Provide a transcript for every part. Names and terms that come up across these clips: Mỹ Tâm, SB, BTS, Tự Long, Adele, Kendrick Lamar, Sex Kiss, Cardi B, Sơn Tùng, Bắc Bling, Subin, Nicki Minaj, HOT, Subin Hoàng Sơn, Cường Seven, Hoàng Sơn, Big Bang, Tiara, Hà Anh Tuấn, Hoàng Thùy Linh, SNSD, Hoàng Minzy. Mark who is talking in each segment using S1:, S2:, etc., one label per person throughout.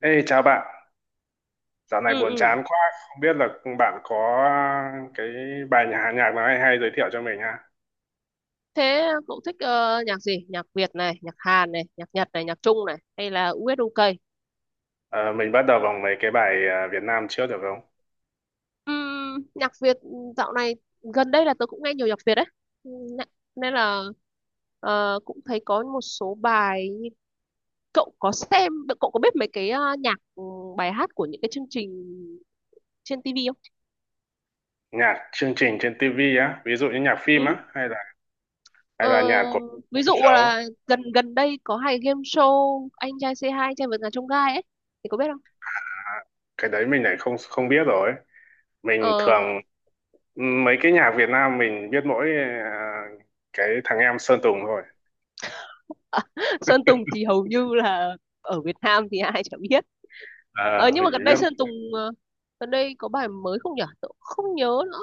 S1: Ê, chào bạn, dạo này
S2: ừ
S1: buồn
S2: ừ
S1: chán quá, không biết là bạn có cái bài nhà nhạc nào hay hay giới thiệu cho mình ha.
S2: Thế cậu thích nhạc gì? Nhạc Việt này, nhạc Hàn này, nhạc Nhật này, nhạc Trung này, hay là US UK?
S1: Ờ, mình bắt đầu bằng mấy cái bài Việt Nam trước được không?
S2: Nhạc Việt dạo này, gần đây là tớ cũng nghe nhiều nhạc Việt đấy. Ừm, nè- nên là cũng thấy có một số bài. Cậu có xem, cậu có biết mấy cái nhạc bài hát của những cái chương trình trên TV không?
S1: Nhạc chương trình trên TV á, ví dụ như nhạc phim
S2: Ừ.
S1: á, hay là hay
S2: Ờ,
S1: là nhạc của
S2: ví dụ
S1: show,
S2: là gần gần đây có hay game show anh trai C2, anh trai vượt ngàn chông gai ấy, thì có biết không?
S1: cái đấy mình lại không không biết rồi. Mình
S2: Ờ.
S1: thường mấy cái nhạc Việt Nam mình biết mỗi cái thằng em Sơn Tùng thôi.
S2: Sơn Tùng thì hầu như là ở Việt Nam thì ai chả biết. Ờ,
S1: Ờ,
S2: nhưng
S1: mình
S2: mà
S1: chỉ
S2: gần đây Sơn
S1: biết
S2: Tùng gần đây có bài mới không nhỉ? Tớ cũng không nhớ nữa.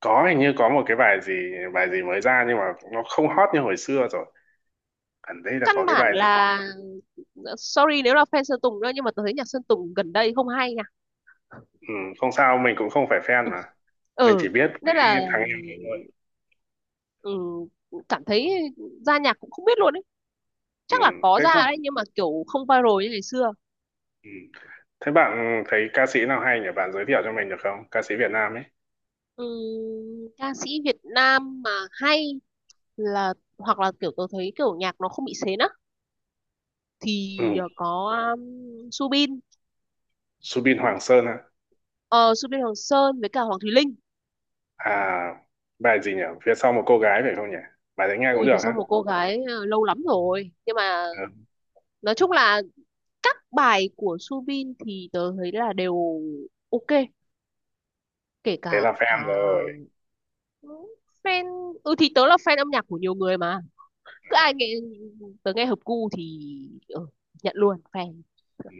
S1: có hình như có một cái bài gì mới ra nhưng mà nó không hot như hồi xưa rồi. Gần đây là có
S2: Căn
S1: cái
S2: bản
S1: bài
S2: là sorry nếu là fan Sơn Tùng nữa, nhưng mà tôi thấy nhạc Sơn Tùng gần đây không hay nha.
S1: ừ, không sao mình cũng không phải fan mà mình chỉ
S2: Ừ,
S1: biết cái
S2: nên là
S1: thằng em này thôi,
S2: ừ, cảm thấy ra nhạc cũng không biết luôn ấy.
S1: ừ,
S2: Chắc là có
S1: thế
S2: ra
S1: không,
S2: đấy nhưng mà kiểu không viral như ngày xưa.
S1: ừ. Thế bạn thấy ca sĩ nào hay nhỉ, bạn giới thiệu cho mình được không, ca sĩ Việt Nam ấy?
S2: Ừ, ca sĩ Việt Nam mà hay là, hoặc là kiểu tôi thấy kiểu nhạc nó không bị xến á,
S1: Ừ.
S2: thì có Subin.
S1: Subin Hoàng Sơn hả?
S2: Ờ, Subin Hoàng Sơn với cả Hoàng Thùy Linh.
S1: À, bài gì nhỉ, phía sau một cô gái phải không nhỉ, bài đấy nghe cũng
S2: Ui, phía
S1: được
S2: sau
S1: hả?
S2: một cô gái lâu lắm rồi nhưng mà
S1: Ừ.
S2: nói chung là các bài của Subin thì tớ thấy là đều ok, kể
S1: Thế là
S2: cả
S1: fan rồi.
S2: fan. Ừ thì tớ là fan âm nhạc của nhiều người mà, cứ
S1: À,
S2: ai nghe, tớ nghe hợp gu thì ừ, nhận luôn fan.
S1: ừ.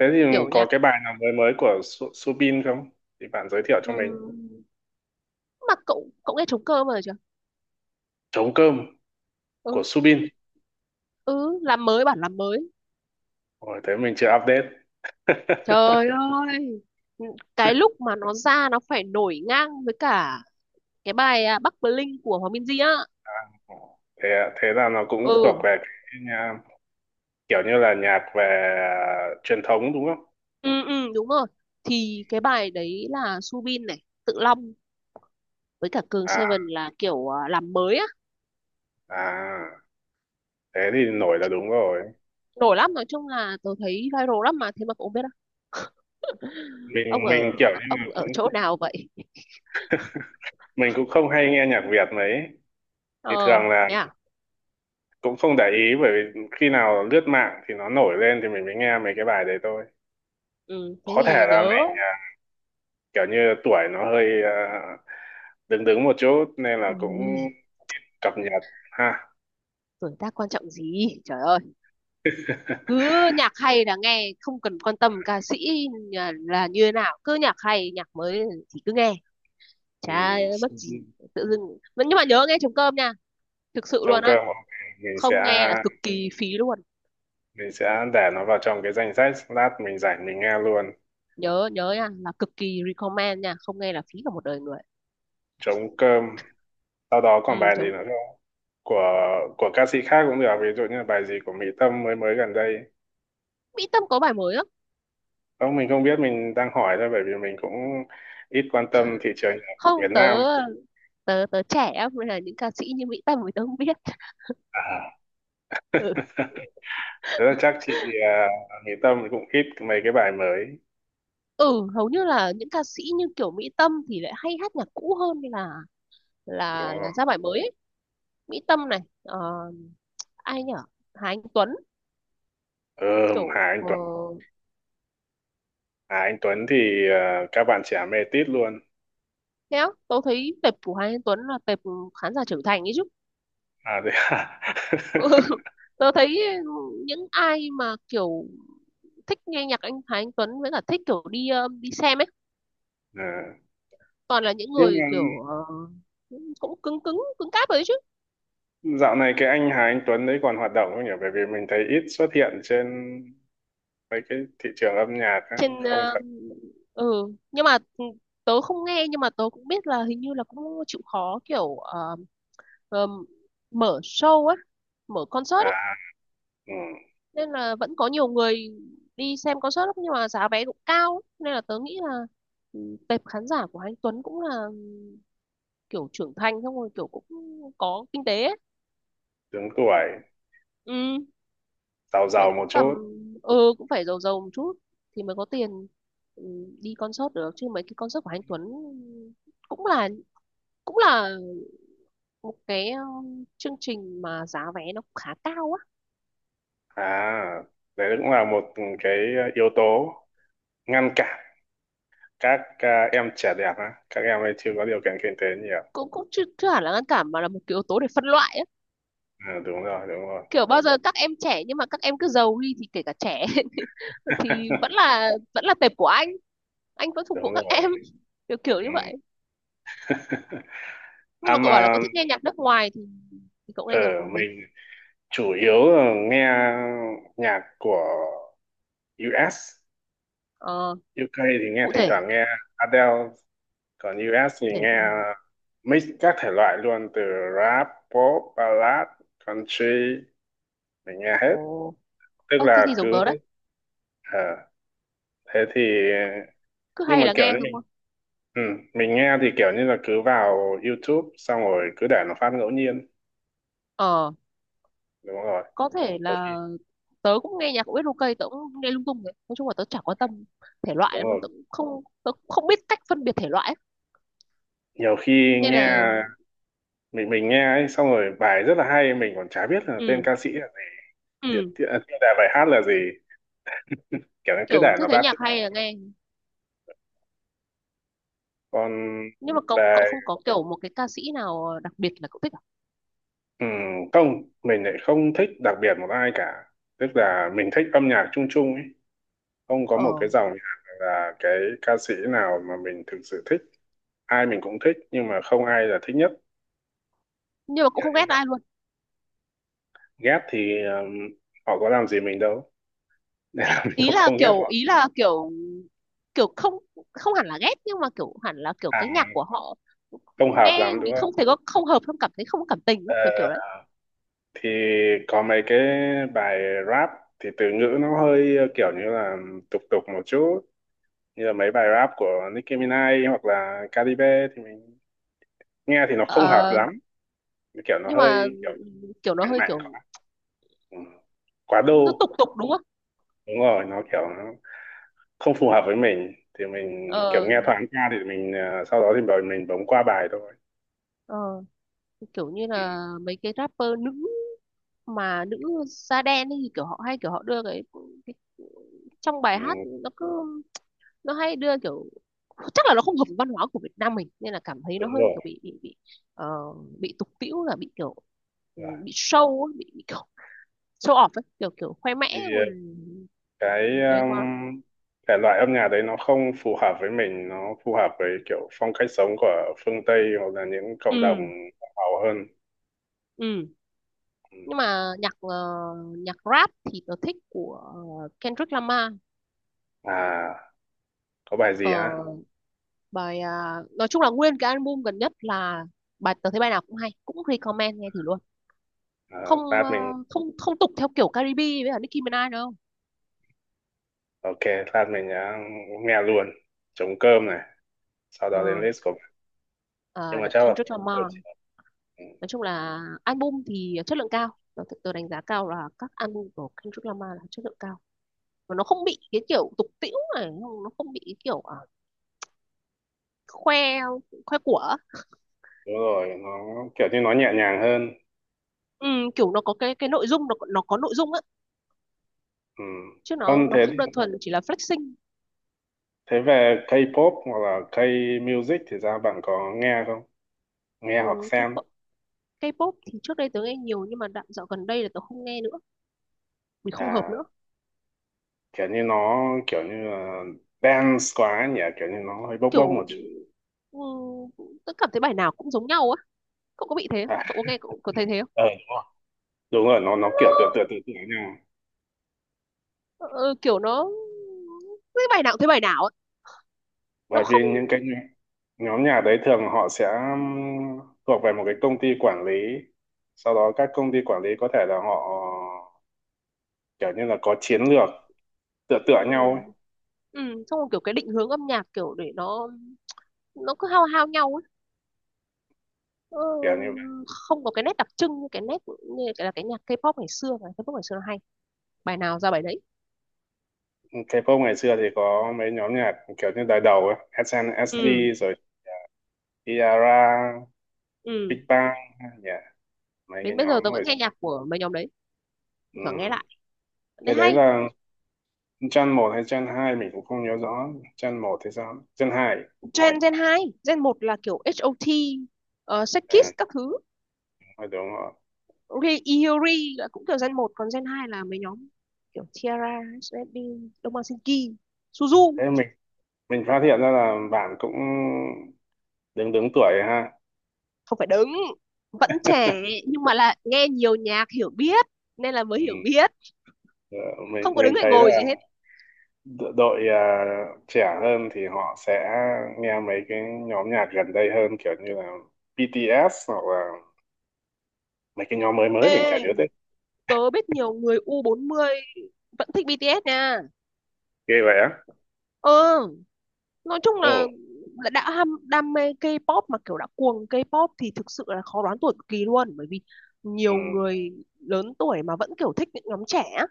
S1: Thế thì
S2: Kiểu
S1: có
S2: nhạc
S1: cái bài nào mới mới của Subin không thì bạn giới thiệu cho
S2: ừ.
S1: mình.
S2: Mà cậu cậu nghe trống cơm rồi chưa?
S1: Trống cơm của
S2: Ừ.
S1: Subin.
S2: Ừ, làm mới, bản làm mới.
S1: Ôi, thế mình chưa update.
S2: Trời ơi, cái lúc mà nó ra nó phải nổi ngang với cả cái bài Bắc Bling của Hoàng Minzy á.
S1: Thế thế là nó cũng thuộc
S2: Ừ,
S1: về cái nha, kiểu như là nhạc về truyền thống đúng không?
S2: ừ, ừ, đúng rồi. Thì cái bài đấy là Subin này, Tự Long với cả Cường
S1: À,
S2: Seven là kiểu làm mới á.
S1: à, thế thì nổi là đúng rồi.
S2: Nổi lắm, nói chung là tôi thấy viral lắm mà, thế mà cũng không biết á. Ông
S1: Mình
S2: ở
S1: kiểu như là
S2: ông ở chỗ
S1: cũng
S2: nào vậy?
S1: mình cũng không hay nghe nhạc Việt mấy thì
S2: Ờ,
S1: thường là
S2: thế à?
S1: cũng không để ý, bởi vì khi nào lướt mạng thì nó nổi lên thì mình mới nghe mấy cái bài đấy thôi.
S2: Ừ, thế
S1: Có thể
S2: thì
S1: là
S2: nhớ.
S1: mình kiểu như tuổi nó hơi đứng đứng một chút nên là cũng
S2: Ôi,
S1: cập nhật ha.
S2: tuổi tác quan trọng gì? Trời ơi. Cứ nhạc hay là nghe, không cần quan tâm ca sĩ là như thế nào, cứ nhạc hay nhạc mới thì cứ nghe,
S1: Ừ.
S2: chả mất gì tự dưng. Nhưng mà nhớ nghe trống cơm nha, thực sự
S1: Trống
S2: luôn á,
S1: cơm, ok. mình
S2: không
S1: sẽ
S2: nghe là cực kỳ phí luôn.
S1: mình sẽ để nó vào trong cái danh sách, lát mình rảnh mình nghe luôn.
S2: Nhớ nhớ nha, là cực kỳ recommend nha, không nghe là phí cả một đời người.
S1: Trống cơm sau đó còn
S2: Ừ,
S1: bài gì
S2: trống.
S1: nữa không, của của ca sĩ khác cũng được, ví dụ như là bài gì của Mỹ Tâm mới mới gần đây?
S2: Mỹ Tâm có bài mới á?
S1: Không mình không biết, mình đang hỏi thôi, bởi vì mình cũng ít quan tâm thị trường
S2: không
S1: Việt Nam.
S2: tớ tớ tớ trẻ á, nên là những ca sĩ như Mỹ Tâm thì tớ không biết.
S1: À.
S2: Ừ.
S1: Thế là chắc chị Mỹ Tâm cũng ít mấy cái bài mới
S2: Ừ, hầu như là những ca sĩ như kiểu Mỹ Tâm thì lại hay hát nhạc cũ hơn là
S1: đúng
S2: là
S1: không?
S2: ra bài mới ấy. Mỹ Tâm này ờ, ai nhở, Hà Anh Tuấn,
S1: Ừ, Hà
S2: kiểu
S1: Anh
S2: ờ,
S1: Tuấn. Hà Anh Tuấn thì các bạn trẻ mê tít luôn.
S2: thế á, tớ thấy tệp của Hà Anh Tuấn là tệp khán giả trưởng thành ấy chứ.
S1: À thế à?
S2: Tớ thấy những ai mà kiểu thích nghe nhạc anh Hà Anh Tuấn với cả thích kiểu đi đi xem ấy
S1: Ờ.
S2: toàn là những
S1: Nhưng
S2: người
S1: mà
S2: kiểu ờ, cũng cứng cứng cứng cáp rồi đấy chứ.
S1: dạo này cái anh Hà Anh Tuấn đấy còn hoạt động không nhỉ? Bởi vì mình thấy ít xuất hiện trên mấy cái thị trường âm nhạc á.
S2: Trên
S1: Không
S2: ờ,
S1: thật.
S2: ừ, nhưng mà tớ không nghe nhưng mà tớ cũng biết là hình như là cũng chịu khó kiểu ờ, mở show ấy, mở concert
S1: À,
S2: ấy,
S1: ừ,
S2: nên là vẫn có nhiều người đi xem concert lắm nhưng mà giá vé cũng cao lắm. Nên là tớ nghĩ là ừ, tệp khán giả của anh Tuấn cũng là ừ, kiểu trưởng thành xong rồi kiểu cũng có kinh tế ấy.
S1: đứng tuổi,
S2: Ừ,
S1: giàu
S2: kiểu
S1: giàu một
S2: cũng tầm
S1: chút.
S2: ừ, cũng phải giàu giàu một chút thì mới có tiền ừ, đi concert được chứ mấy cái concert của anh Tuấn cũng là cũng là một cái chương trình mà giá vé nó khá cao á.
S1: À, đấy cũng là một cái yếu tố ngăn cản các em trẻ đẹp á. Các em ấy chưa có điều kiện kinh tế nhiều.
S2: Cũng cũng chưa, chưa hẳn là ngăn cản mà là một cái yếu tố để phân loại á.
S1: Ừ, đúng rồi, đúng rồi.
S2: Kiểu bao giờ các em trẻ nhưng mà các em cứ giàu đi thì kể cả trẻ thì vẫn là vẫn là tệp của anh vẫn phục vụ
S1: Đúng
S2: các
S1: rồi.
S2: em, kiểu kiểu
S1: Ừ.
S2: như vậy. Nhưng
S1: À
S2: mà cậu bảo là
S1: mà
S2: cậu thích nghe nhạc nước ngoài thì cậu
S1: ở
S2: nghe nhạc bằng gì?
S1: mình chủ yếu là nghe nhạc của US
S2: Ờ,
S1: UK thì nghe,
S2: cụ
S1: thỉnh
S2: thể
S1: thoảng nghe Adele, còn US thì
S2: cụ thể
S1: nghe
S2: cụ thể.
S1: mix các thể loại luôn, từ rap, pop, ballad, country, mình nghe hết.
S2: Ồ,
S1: Tức
S2: ơ thế thì
S1: là cứ
S2: giống tớ đấy,
S1: ờ, thế thì
S2: cứ
S1: nhưng
S2: hay
S1: mà
S2: là
S1: kiểu
S2: nghe
S1: như
S2: thôi đúng
S1: mình
S2: không?
S1: ừ, mình nghe thì kiểu như là cứ vào YouTube xong rồi cứ để nó phát ngẫu nhiên.
S2: Ờ,
S1: Đúng rồi.
S2: có thể
S1: Đôi khi
S2: là tớ cũng nghe nhạc của biết ok, tớ cũng nghe lung tung đấy, nói chung là tớ chả quan tâm thể loại
S1: đúng
S2: lắm,
S1: rồi.
S2: tớ cũng không biết cách phân biệt thể loại ấy.
S1: Nhiều khi
S2: Nên là
S1: nghe mình nghe ấy xong rồi bài rất là hay mình còn chả biết là tên
S2: ừ
S1: ca sĩ là gì,
S2: ừ,
S1: tiêu đề bài hát là gì, kiểu như cứ
S2: kiểu
S1: để
S2: cứ
S1: nó
S2: thấy
S1: phát.
S2: nhạc hay là nghe.
S1: Còn
S2: Nhưng mà cậu
S1: về
S2: cậu không có kiểu một cái ca sĩ nào đặc biệt là cậu thích à?
S1: ừ, không mình lại không thích đặc biệt một ai cả, tức là mình thích âm nhạc chung chung ấy, không có
S2: Ờ,
S1: một cái dòng nhạc hay là cái ca sĩ nào mà mình thực sự thích, ai mình cũng thích nhưng mà không ai là thích nhất,
S2: nhưng mà cũng
S1: kiểu
S2: không
S1: như
S2: ghét
S1: vậy.
S2: ai luôn.
S1: Ghét thì ờ, họ có làm gì mình đâu nên là mình
S2: ý
S1: cũng
S2: là
S1: không ghét
S2: kiểu
S1: họ.
S2: ý là kiểu kiểu không, không hẳn là ghét nhưng mà kiểu hẳn là kiểu
S1: À,
S2: cái nhạc của họ
S1: không hợp
S2: nghe
S1: lắm đúng
S2: mình
S1: không?
S2: không thể có không hợp, không cảm thấy, không có cảm tình ấy,
S1: Ờ,
S2: kiểu kiểu đấy.
S1: thì có mấy cái bài rap thì từ ngữ nó hơi kiểu như là tục tục một chút, như là mấy bài rap của Nicki Minaj hoặc là Cardi B thì mình nghe thì nó không hợp
S2: Ờ,
S1: lắm, kiểu nó
S2: nhưng mà
S1: hơi kiểu
S2: kiểu nó
S1: cánh
S2: hơi
S1: mạnh
S2: kiểu,
S1: quá, ừ, quá
S2: nó
S1: đô.
S2: tục tục đúng không?
S1: Đúng rồi nó kiểu nó không phù hợp với mình, thì mình kiểu
S2: Ờ,
S1: nghe thoáng qua thì mình ờ, sau đó thì bảo mình bấm qua bài thôi.
S2: ờ, kiểu như
S1: Ừ.
S2: là mấy cái rapper nữ, mà nữ da đen ấy, thì kiểu họ hay kiểu họ đưa cái trong bài
S1: Ừ.
S2: hát nó cứ nó hay đưa kiểu, chắc là nó không hợp với văn hóa của Việt Nam mình nên là cảm thấy nó
S1: Đúng
S2: hơi
S1: rồi.
S2: kiểu bị ờ, bị tục tĩu là bị kiểu ừ,
S1: Rồi.
S2: bị show ấy, bị kiểu show off ấy, kiểu kiểu khoe
S1: Thì
S2: mẽ
S1: ờ,
S2: rồi
S1: cái
S2: ừ, đấy quá.
S1: thể loại âm nhạc đấy nó không phù hợp với mình, nó phù hợp với kiểu phong cách sống của phương Tây hoặc là những cộng đồng
S2: ừ
S1: giàu hơn.
S2: ừ
S1: Ừ.
S2: Nhưng mà nhạc ờ, nhạc rap thì tớ thích của Kendrick Lamar.
S1: À, có bài gì
S2: Ờ,
S1: hả?
S2: bài à, nói chung là nguyên cái album gần nhất là, bài tớ thấy bài nào cũng hay, cũng recommend nghe thử luôn.
S1: Ờ,
S2: Không
S1: lát
S2: ờ,
S1: mình
S2: không, không tục theo kiểu Caribe với cả Nicki Minaj đâu.
S1: ok, lát mình đã nghe luôn trống cơm này, sau đó đến
S2: Ờ,
S1: list của bạn, nhưng
S2: ờ,
S1: mà chắc là
S2: Kendrick
S1: buổi
S2: Lamar,
S1: chiều.
S2: nói chung là album thì chất lượng cao, tớ đánh giá cao là các album của Kendrick Lamar là chất lượng cao, và nó không bị cái kiểu tục tĩu này, nó không bị cái kiểu à, khoe khoe của.
S1: Đúng rồi, nó kiểu như nó nhẹ nhàng hơn.
S2: Ừ, kiểu nó có cái nội dung, nó có nội dung á,
S1: Ừ.
S2: chứ nó
S1: Vâng,
S2: nó
S1: thế
S2: không đơn thuần chỉ là flexing.
S1: thế về K-pop hoặc là K-music thì ra bạn có nghe không, nghe hoặc
S2: Ừ, cái
S1: xem?
S2: K-pop thì trước đây tớ nghe nhiều nhưng mà đoạn dạo gần đây là tớ không nghe nữa vì không hợp
S1: À,
S2: nữa.
S1: kiểu như nó kiểu như là dance quá nhỉ, kiểu như nó hơi bốc bốc một
S2: Kiểu
S1: chút.
S2: ừ, tớ cảm thấy bài nào cũng giống nhau á. Cậu có bị thế không?
S1: À,
S2: Cậu có nghe, cậu có thấy thế không?
S1: ờ đúng rồi, đúng rồi nó kiểu tựa tựa nhau.
S2: Ờ, ờ, kiểu nó cái bài nào cũng thấy bài nào á, nó
S1: Bởi vì
S2: không
S1: những cái nhóm nhóm nhà đấy thường họ sẽ thuộc về một cái công ty quản lý, sau đó các công ty quản lý có thể là họ kiểu như là có chiến lược tựa tựa nhau ấy.
S2: ừ, ừ, xong rồi kiểu cái định hướng âm nhạc kiểu để nó cứ hao hao nhau ấy. Ờ,
S1: Kiểu như vậy.
S2: không có cái nét đặc trưng như cái nét, như là cái nhạc K-pop ngày xưa, ngày K-pop ngày xưa nó hay, bài nào ra bài đấy.
S1: K-pop ngày xưa thì có mấy nhóm nhạc kiểu như đời đầu ấy,
S2: ừ
S1: SNSD rồi Tiara,
S2: ừ
S1: Big Bang, yeah. Mấy cái
S2: đến bây giờ
S1: nhóm
S2: tớ
S1: hồi
S2: vẫn nghe nhạc của mấy nhóm đấy, thỉnh thoảng nghe
S1: ừm,
S2: lại thấy
S1: cái đấy
S2: hay.
S1: là Gen một hay Gen 2 mình cũng không nhớ rõ, Gen một thì sao Gen hai?
S2: Gen Gen 2, Gen một là kiểu HOT, Sex Kiss
S1: À,
S2: các thứ.
S1: đúng rồi.
S2: Iori là cũng kiểu Gen một, còn Gen 2 là mấy nhóm kiểu Tiara, SB, Domasinki, Suzu.
S1: Thế mình phát hiện ra là bạn cũng đứng đứng tuổi ha.
S2: Không phải đứng, vẫn trẻ, nhưng mà là nghe nhiều nhạc hiểu biết nên là mới
S1: Ừ.
S2: hiểu biết,
S1: Ờ, mình
S2: không có
S1: mình
S2: đứng hay
S1: thấy là
S2: ngồi gì hết.
S1: đội trẻ hơn thì họ sẽ nghe mấy cái nhóm nhạc gần đây hơn, kiểu như là BTS hoặc là mấy cái nhóm mới mới mình chả
S2: Ê,
S1: nhớ tên.
S2: tớ biết nhiều người u 40 vẫn thích BTS nha.
S1: Ghê vậy á?
S2: Ừ, nói chung
S1: Ồ.
S2: là đã ham đam mê K-pop mà kiểu đã cuồng K-pop thì thực sự là khó đoán tuổi cực kỳ luôn, bởi vì
S1: Ừ.
S2: nhiều người lớn tuổi mà vẫn kiểu thích những nhóm trẻ á.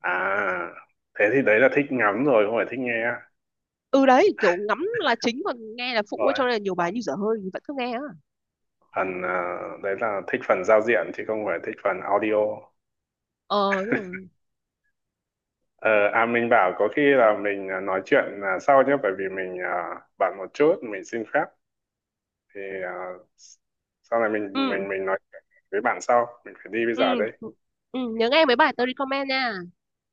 S1: À thế thì đấy là thích ngắm rồi không phải thích nghe
S2: Ừ đấy kiểu ngắm là chính còn nghe là phụ ấy, cho
S1: rồi.
S2: nên là nhiều bài như dở hơi thì vẫn cứ nghe á.
S1: Phần đấy là thích phần giao diện chứ không phải thích phần audio.
S2: Ờ đúng rồi.
S1: Ờ, à mình bảo có khi là mình nói chuyện sau nhé, bởi vì mình à, bận một chút, mình xin phép thì à, sau này mình
S2: ừ
S1: mình mình nói chuyện với bạn sau, mình phải đi bây
S2: ừ
S1: giờ đây.
S2: ừ nhớ nghe mấy bài tôi recommend nha.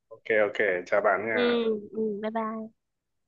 S1: Ok ok, chào bạn
S2: ừ
S1: nha.
S2: ừ bye bye.